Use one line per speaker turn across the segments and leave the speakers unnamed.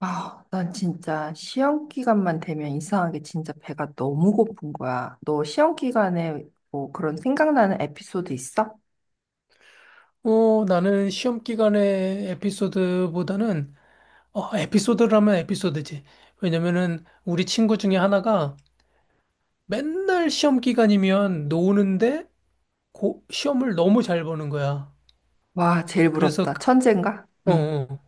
아, 난 진짜 시험 기간만 되면 이상하게 진짜 배가 너무 고픈 거야. 너 시험 기간에 뭐 그런 생각나는 에피소드 있어?
나는 시험 기간의 에피소드보다는, 에피소드라면 에피소드지. 왜냐면은 우리 친구 중에 하나가 맨날 시험 기간이면 노는데 시험을 너무 잘 보는 거야.
와, 제일
그래서,
부럽다.
그-
천재인가?
어,
응.
어.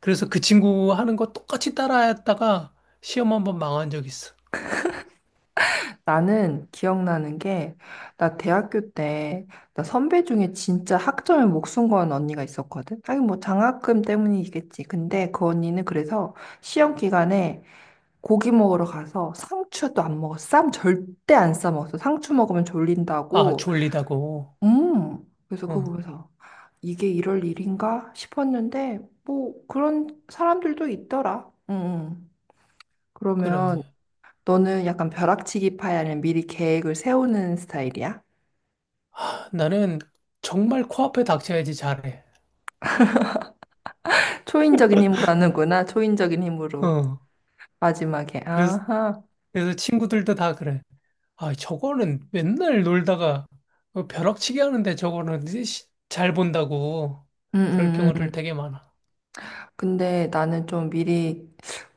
그래서 그 친구 하는 거 똑같이 따라했다가 시험 한번 망한 적 있어.
나는 기억나는 게, 나 대학교 때, 나 선배 중에 진짜 학점에 목숨 건 언니가 있었거든? 하긴 뭐 장학금 때문이겠지. 근데 그 언니는 그래서 시험 기간에 고기 먹으러 가서 상추도 안 먹었어. 쌈 절대 안 싸 먹었어. 상추 먹으면
아,
졸린다고.
졸리다고.
음. 그래서 그거
어,
보면서, 이게 이럴 일인가 싶었는데, 뭐 그런 사람들도 있더라. 응, 응.
그래.
그러면 너는 약간 벼락치기파야, 는니 미리 계획을 세우는 스타일이야?
나는 정말 코앞에 닥쳐야지 잘해.
초인적인 힘으로 하는구나. 초인적인 힘으로.
어,
마지막에.
그래서,
아하.
그래서 친구들도 다 그래. 아, 저거는 맨날 놀다가 벼락치기 하는데 저거는 이제 잘 본다고 그럴 경 우 를
음.
되게 많아.
근데 나는 좀 미리,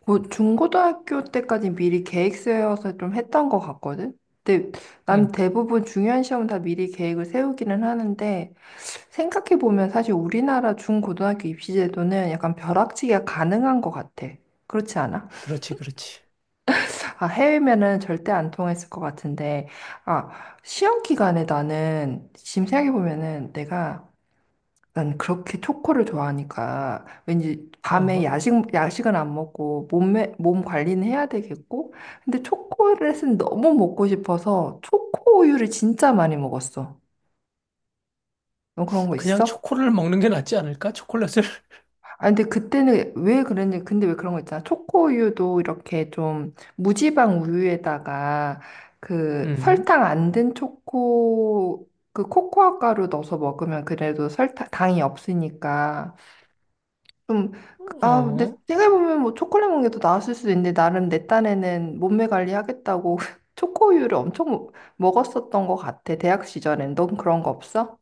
뭐, 중고등학교 때까지 미리 계획 세워서 좀 했던 것 같거든? 근데 난
응,
대부분 중요한 시험은 다 미리 계획을 세우기는 하는데, 생각해보면 사실 우리나라 중고등학교 입시 제도는 약간 벼락치기가 가능한 것 같아. 그렇지 않아?
그렇지, 그렇지.
아, 해외면은 절대 안 통했을 것 같은데, 아, 시험 기간에 나는, 지금 생각해보면은 내가, 난 그렇게 초코를 좋아하니까, 왠지
어허.
밤에 야식, 야식은 안 먹고, 몸에, 몸 관리는 해야 되겠고, 근데 초콜릿은 너무 먹고 싶어서, 초코우유를 진짜 많이 먹었어. 너 그런 거
그냥
있어?
초콜릿을 먹는 게 낫지 않을까? 초콜릿을?
아, 근데 그때는 왜 그랬는지, 근데 왜 그런 거 있잖아. 초코우유도 이렇게 좀 무지방 우유에다가 그
음.
설탕 안 든 초코, 그 코코아 가루 넣어서 먹으면 그래도 설탕, 당이 없으니까 좀, 그, 아, 근데
어.
생각해보면 뭐 초콜릿 먹는 게 더 나았을 수도 있는데 나름 내 딴에는 몸매 관리하겠다고 초코우유를 엄청 먹었었던 것 같아. 대학 시절엔. 넌 그런 거 없어?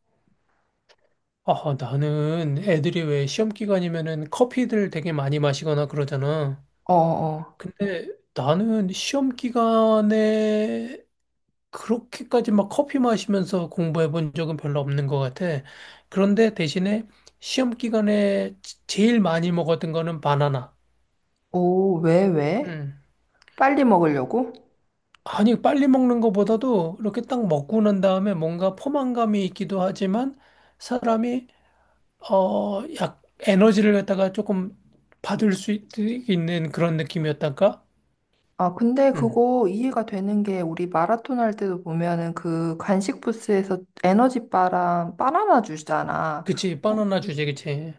아, 나는 애들이 왜 시험 기간이면은 커피들 되게 많이 마시거나 그러잖아.
어어어.
근데 나는 시험 기간에 그렇게까지 막 커피 마시면서 공부해 본 적은 별로 없는 것 같아. 그런데 대신에 시험 기간에 제일 많이 먹었던 거는 바나나.
오, 왜, 왜?
음.
빨리 먹으려고?
아니, 빨리 먹는 것보다도 이렇게 딱 먹고 난 다음에 뭔가 포만감이 있기도 하지만 사람이, 에너지를 갖다가 조금 받을 수 있, 는 그런 느낌이었달까?
아, 근데
음.
그거 이해가 되는 게 우리 마라톤 할 때도 보면은 그 간식 부스에서 에너지 바랑 바나나 주잖아.
그치,
어,
바나나 주제, 그치.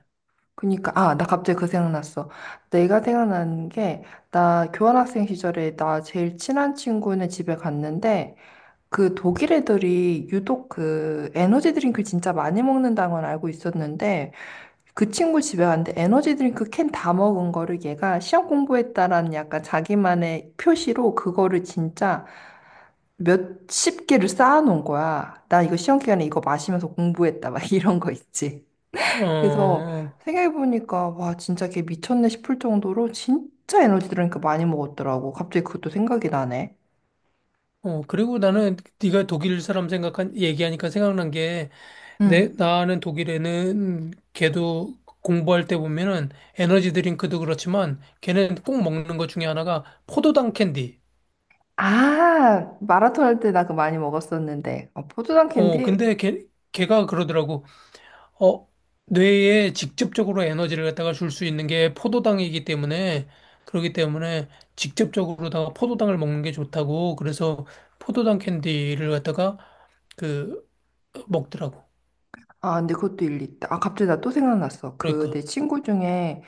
그니까, 아, 나 갑자기 그 생각났어. 내가 생각나는 게, 나 교환학생 시절에 나 제일 친한 친구네 집에 갔는데, 그 독일 애들이 유독 그 에너지 드링크 진짜 많이 먹는다는 건 알고 있었는데, 그 친구 집에 갔는데 에너지 드링크 캔 다 먹은 거를 얘가 시험 공부했다라는 약간 자기만의 표시로 그거를 진짜 몇십 개를 쌓아놓은 거야. 나 이거 시험 기간에 이거 마시면서 공부했다. 막 이런 거 있지. 그래서
어,
생각해보니까 와 진짜 걔 미쳤네 싶을 정도로 진짜 에너지 드링크 많이 먹었더라고. 갑자기 그것도 생각이 나네.
그리고 나는 네가 독일 사람 얘기하니까 생각난 게 내,
응.
나는 독일에는 걔도 공부할 때 보면은 에너지 드링크도 그렇지만 걔는 꼭 먹는 것 중에 하나가 포도당 캔디.
아 마라톤 할 때 나 그거 많이 먹었었는데. 아, 포도당 캔디?
근데 걔가 그러더라고. 어, 뇌에 직접적으로 에너지를 갖다가 줄 수 있는 게 포도당이기 때문에 그렇기 때문에 직접적으로다가 포도당을 먹는 게 좋다고 그래서 포도당 캔디를 갖다가 그 먹더라고.
아 근데 그것도 일리 있다. 아 갑자기 나 또 생각났어. 그 내
그러니까.
친구 중에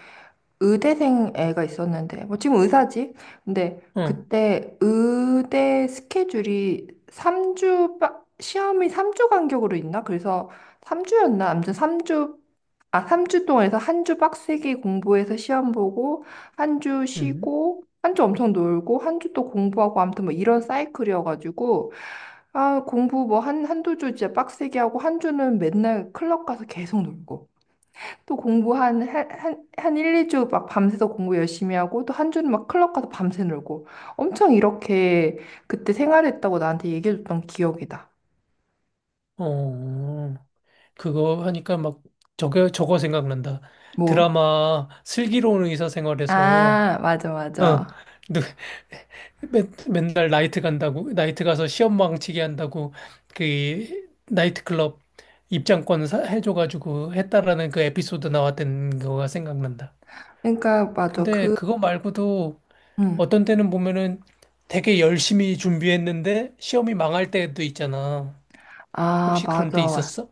의대생 애가 있었는데, 뭐 지금 의사지? 근데
어.
그때 의대 스케줄이 3주, 시험이 3주 간격으로 있나? 그래서 3주였나? 아무튼 3주, 아, 3주 동안에서 한 주 빡세게 공부해서 시험 보고, 한 주
음.
쉬고, 한 주 엄청 놀고, 한 주 또 공부하고, 아무튼 뭐 이런 사이클이어가지고, 아, 공부 뭐 한두 주 진짜 빡세게 하고, 한 주는 맨날 클럽 가서 계속 놀고. 또 공부 한 1, 2주 막 밤새서 공부 열심히 하고 또 한 주는 막 클럽 가서 밤새 놀고 엄청 이렇게 그때 생활했다고 나한테 얘기해줬던 기억이다.
어. 그거 하니까 막 저거 생각난다.
뭐?
드라마 슬기로운 의사생활에서
아, 맞아,
어,
맞아.
누- 맨날 나이트 간다고 나이트 가서 시험 망치게 한다고 그 나이트클럽 입장권 해줘가지고 했다라는 그 에피소드 나왔던 거가 생각난다.
그러니까, 맞아.
근데
그,
그거 말고도
응.
어떤 때는 보면은 되게 열심히 준비했는데 시험이 망할 때도 있잖아.
아,
혹시 그런 때
맞아.
있었어?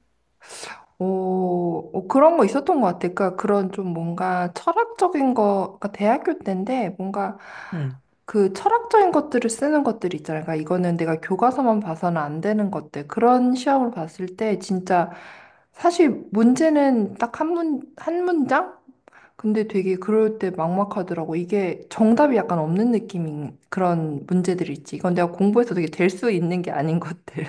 오, 오, 그런 거 있었던 것 같아. 그러니까 그런 좀 뭔가 철학적인 거, 그러니까 대학교 때인데 뭔가
응.
그 철학적인 것들을 쓰는 것들 있잖아. 그러니까 이거는 내가 교과서만 봐서는 안 되는 것들. 그런 시험을 봤을 때 진짜 사실 문제는 딱 한 문장? 근데 되게 그럴 때 막막하더라고. 이게 정답이 약간 없는 느낌인 그런 문제들 있지. 이건 내가 공부해서 되게 될 수 있는 게 아닌 것들.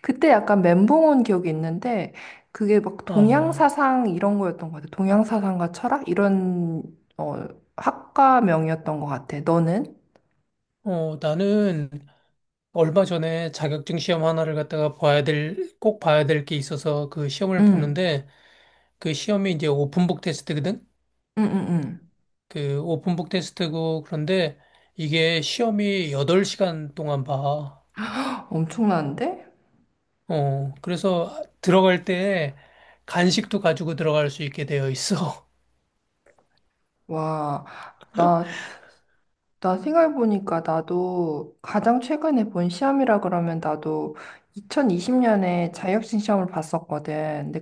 그때 약간 멘붕 온 기억이 있는데 그게 막 동양
아,
사상 이런 거였던 것 같아. 동양 사상과 철학 이런 어 학과명이었던 것 같아. 너는?
어, 나는 얼마 전에 자격증 시험 하나를 갖다가 봐야 될, 꼭 봐야 될 게 있어서 그 시험을
응,
보는데 그 시험이 이제 오픈북 테스트거든?
응, 응, 응.
그 오픈북 테스트고 그런데 이게 시험이 8시간 동안 봐.
엄청난데?
그래서 들어갈 때 간식도 가지고 들어갈 수 있게 되어 있어.
와, 나, 나 생각해보니까 나도 가장 최근에 본 시험이라 그러면 나도 2020년에 자격증 시험을 봤었거든. 근데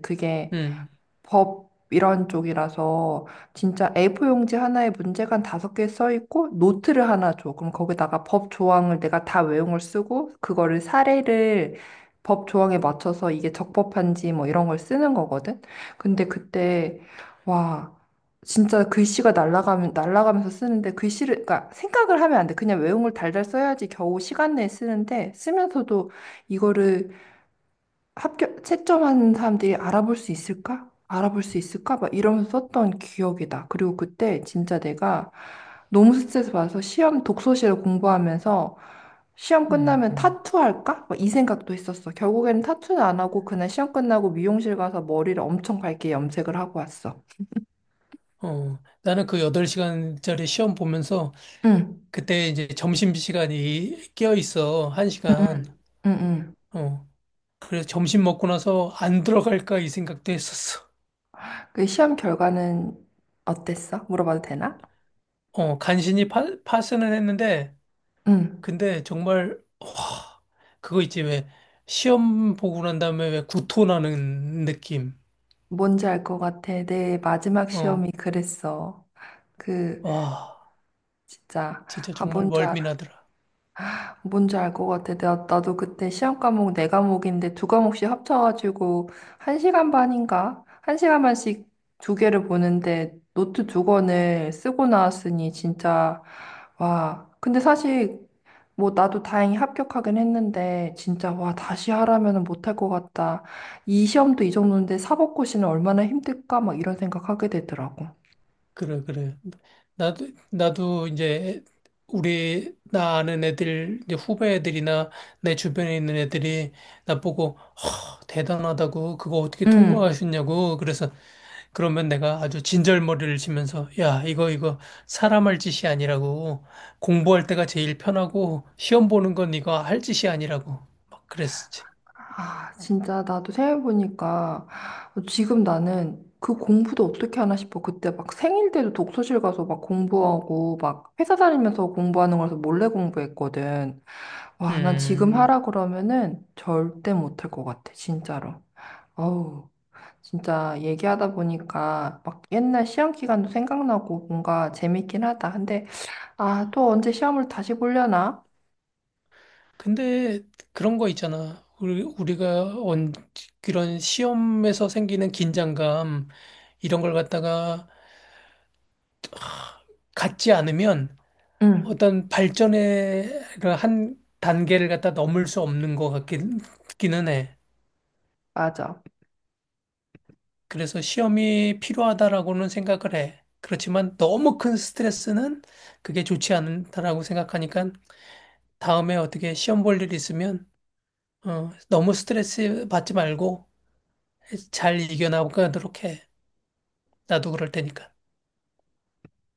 그게
음,
법 이런 쪽이라서 진짜 A4 용지 하나에 문제가 한 다섯 개 써 있고 노트를 하나 줘. 그럼 거기다가 법 조항을 내가 다 외용을 쓰고 그거를 사례를 법 조항에 맞춰서 이게 적법한지 뭐 이런 걸 쓰는 거거든. 근데 그때 와 진짜 글씨가 날아가면 날라가면서 쓰는데 글씨를 그러니까 생각을 하면 안 돼. 그냥 외용을 달달 써야지 겨우 시간 내에 쓰는데 쓰면서도 이거를 합격 채점하는 사람들이 알아볼 수 있을까? 알아볼 수 있을까? 막 이러면서 썼던 기억이 나. 그리고 그때 진짜 내가 너무 스트레스 받아서 시험 독서실을 공부하면서 시험
음,
끝나면
음.
타투 할까? 막 이 생각도 했었어. 결국에는 타투는 안 하고 그날 시험 끝나고 미용실 가서 머리를 엄청 밝게 염색을 하고 왔어.
나는 그 8시간짜리 시험 보면서
응,
그때 이제 점심시간이 껴 있어.
응,
1시간.
응, 응. 응.
그래서 점심 먹고 나서 안 들어갈까 이 생각도 했었어.
그 시험 결과는 어땠어? 물어봐도 되나?
간신히 파스는 했는데,
응.
근데 정말 그거 있지 왜 시험 보고 난 다음에 왜 구토 나는 느낌.
뭔지 알 것 같아. 내 마지막
어,
시험이 그랬어. 그
와,
진짜
진짜
아
정말
뭔지 알아
멀미나더라.
뭔지 알 것 같아 나도 그때 시험 과목 네 과목인데 두 과목씩 합쳐가지고 한 시간 반인가 한 시간 반씩 두 개를 보는데 노트 두 권을 쓰고 나왔으니 진짜 와 근데 사실 뭐 나도 다행히 합격하긴 했는데 진짜 와 다시 하라면은 못할 것 같다 이 시험도 이 정도인데 사법고시는 얼마나 힘들까 막 이런 생각하게 되더라고
그래, 그래. 나도 이제 우리 나 아는 애들 이제 후배 애들이나 내 주변에 있는 애들이 나보고 허, 대단하다고 그거 어떻게
응.
통과하셨냐고 그래서 그러면 내가 아주 진절머리를 치면서, 야, 이거, 사람 할 짓이 아니라고. 공부할 때가 제일 편하고, 시험 보는 건 이거 할 짓이 아니라고. 막 그랬었지.
아, 진짜 나도 생각해보니까 지금 나는 그 공부도 어떻게 하나 싶어. 그때 막 생일 때도 독서실 가서 막 공부하고 막 회사 다니면서 공부하는 거라서 몰래 공부했거든. 와, 난 지금
음,
하라 그러면은 절대 못할 것 같아. 진짜로. 어우, 진짜 얘기하다 보니까 막 옛날 시험 기간도 생각나고 뭔가 재밌긴 하다. 근데 아, 또 언제 시험을 다시 보려나?
근데 그런 거 있잖아. 우리가 그런 시험에서 생기는 긴장감, 이런 걸 갖다가 갖지 않으면
응,
어떤 발전의 그한 단계를 갖다 넘을 수 없는 것 기는 해.
맞아.
그래서 시험이 필요하다라고는 생각을 해. 그렇지만 너무 큰 스트레스는 그게 좋지 않다라고 생각하니까 다음에 어떻게 시험 볼 일 있으면 너무 스트레스 받지 말고 잘 이겨나가도록 해. 나도 그럴 테니까.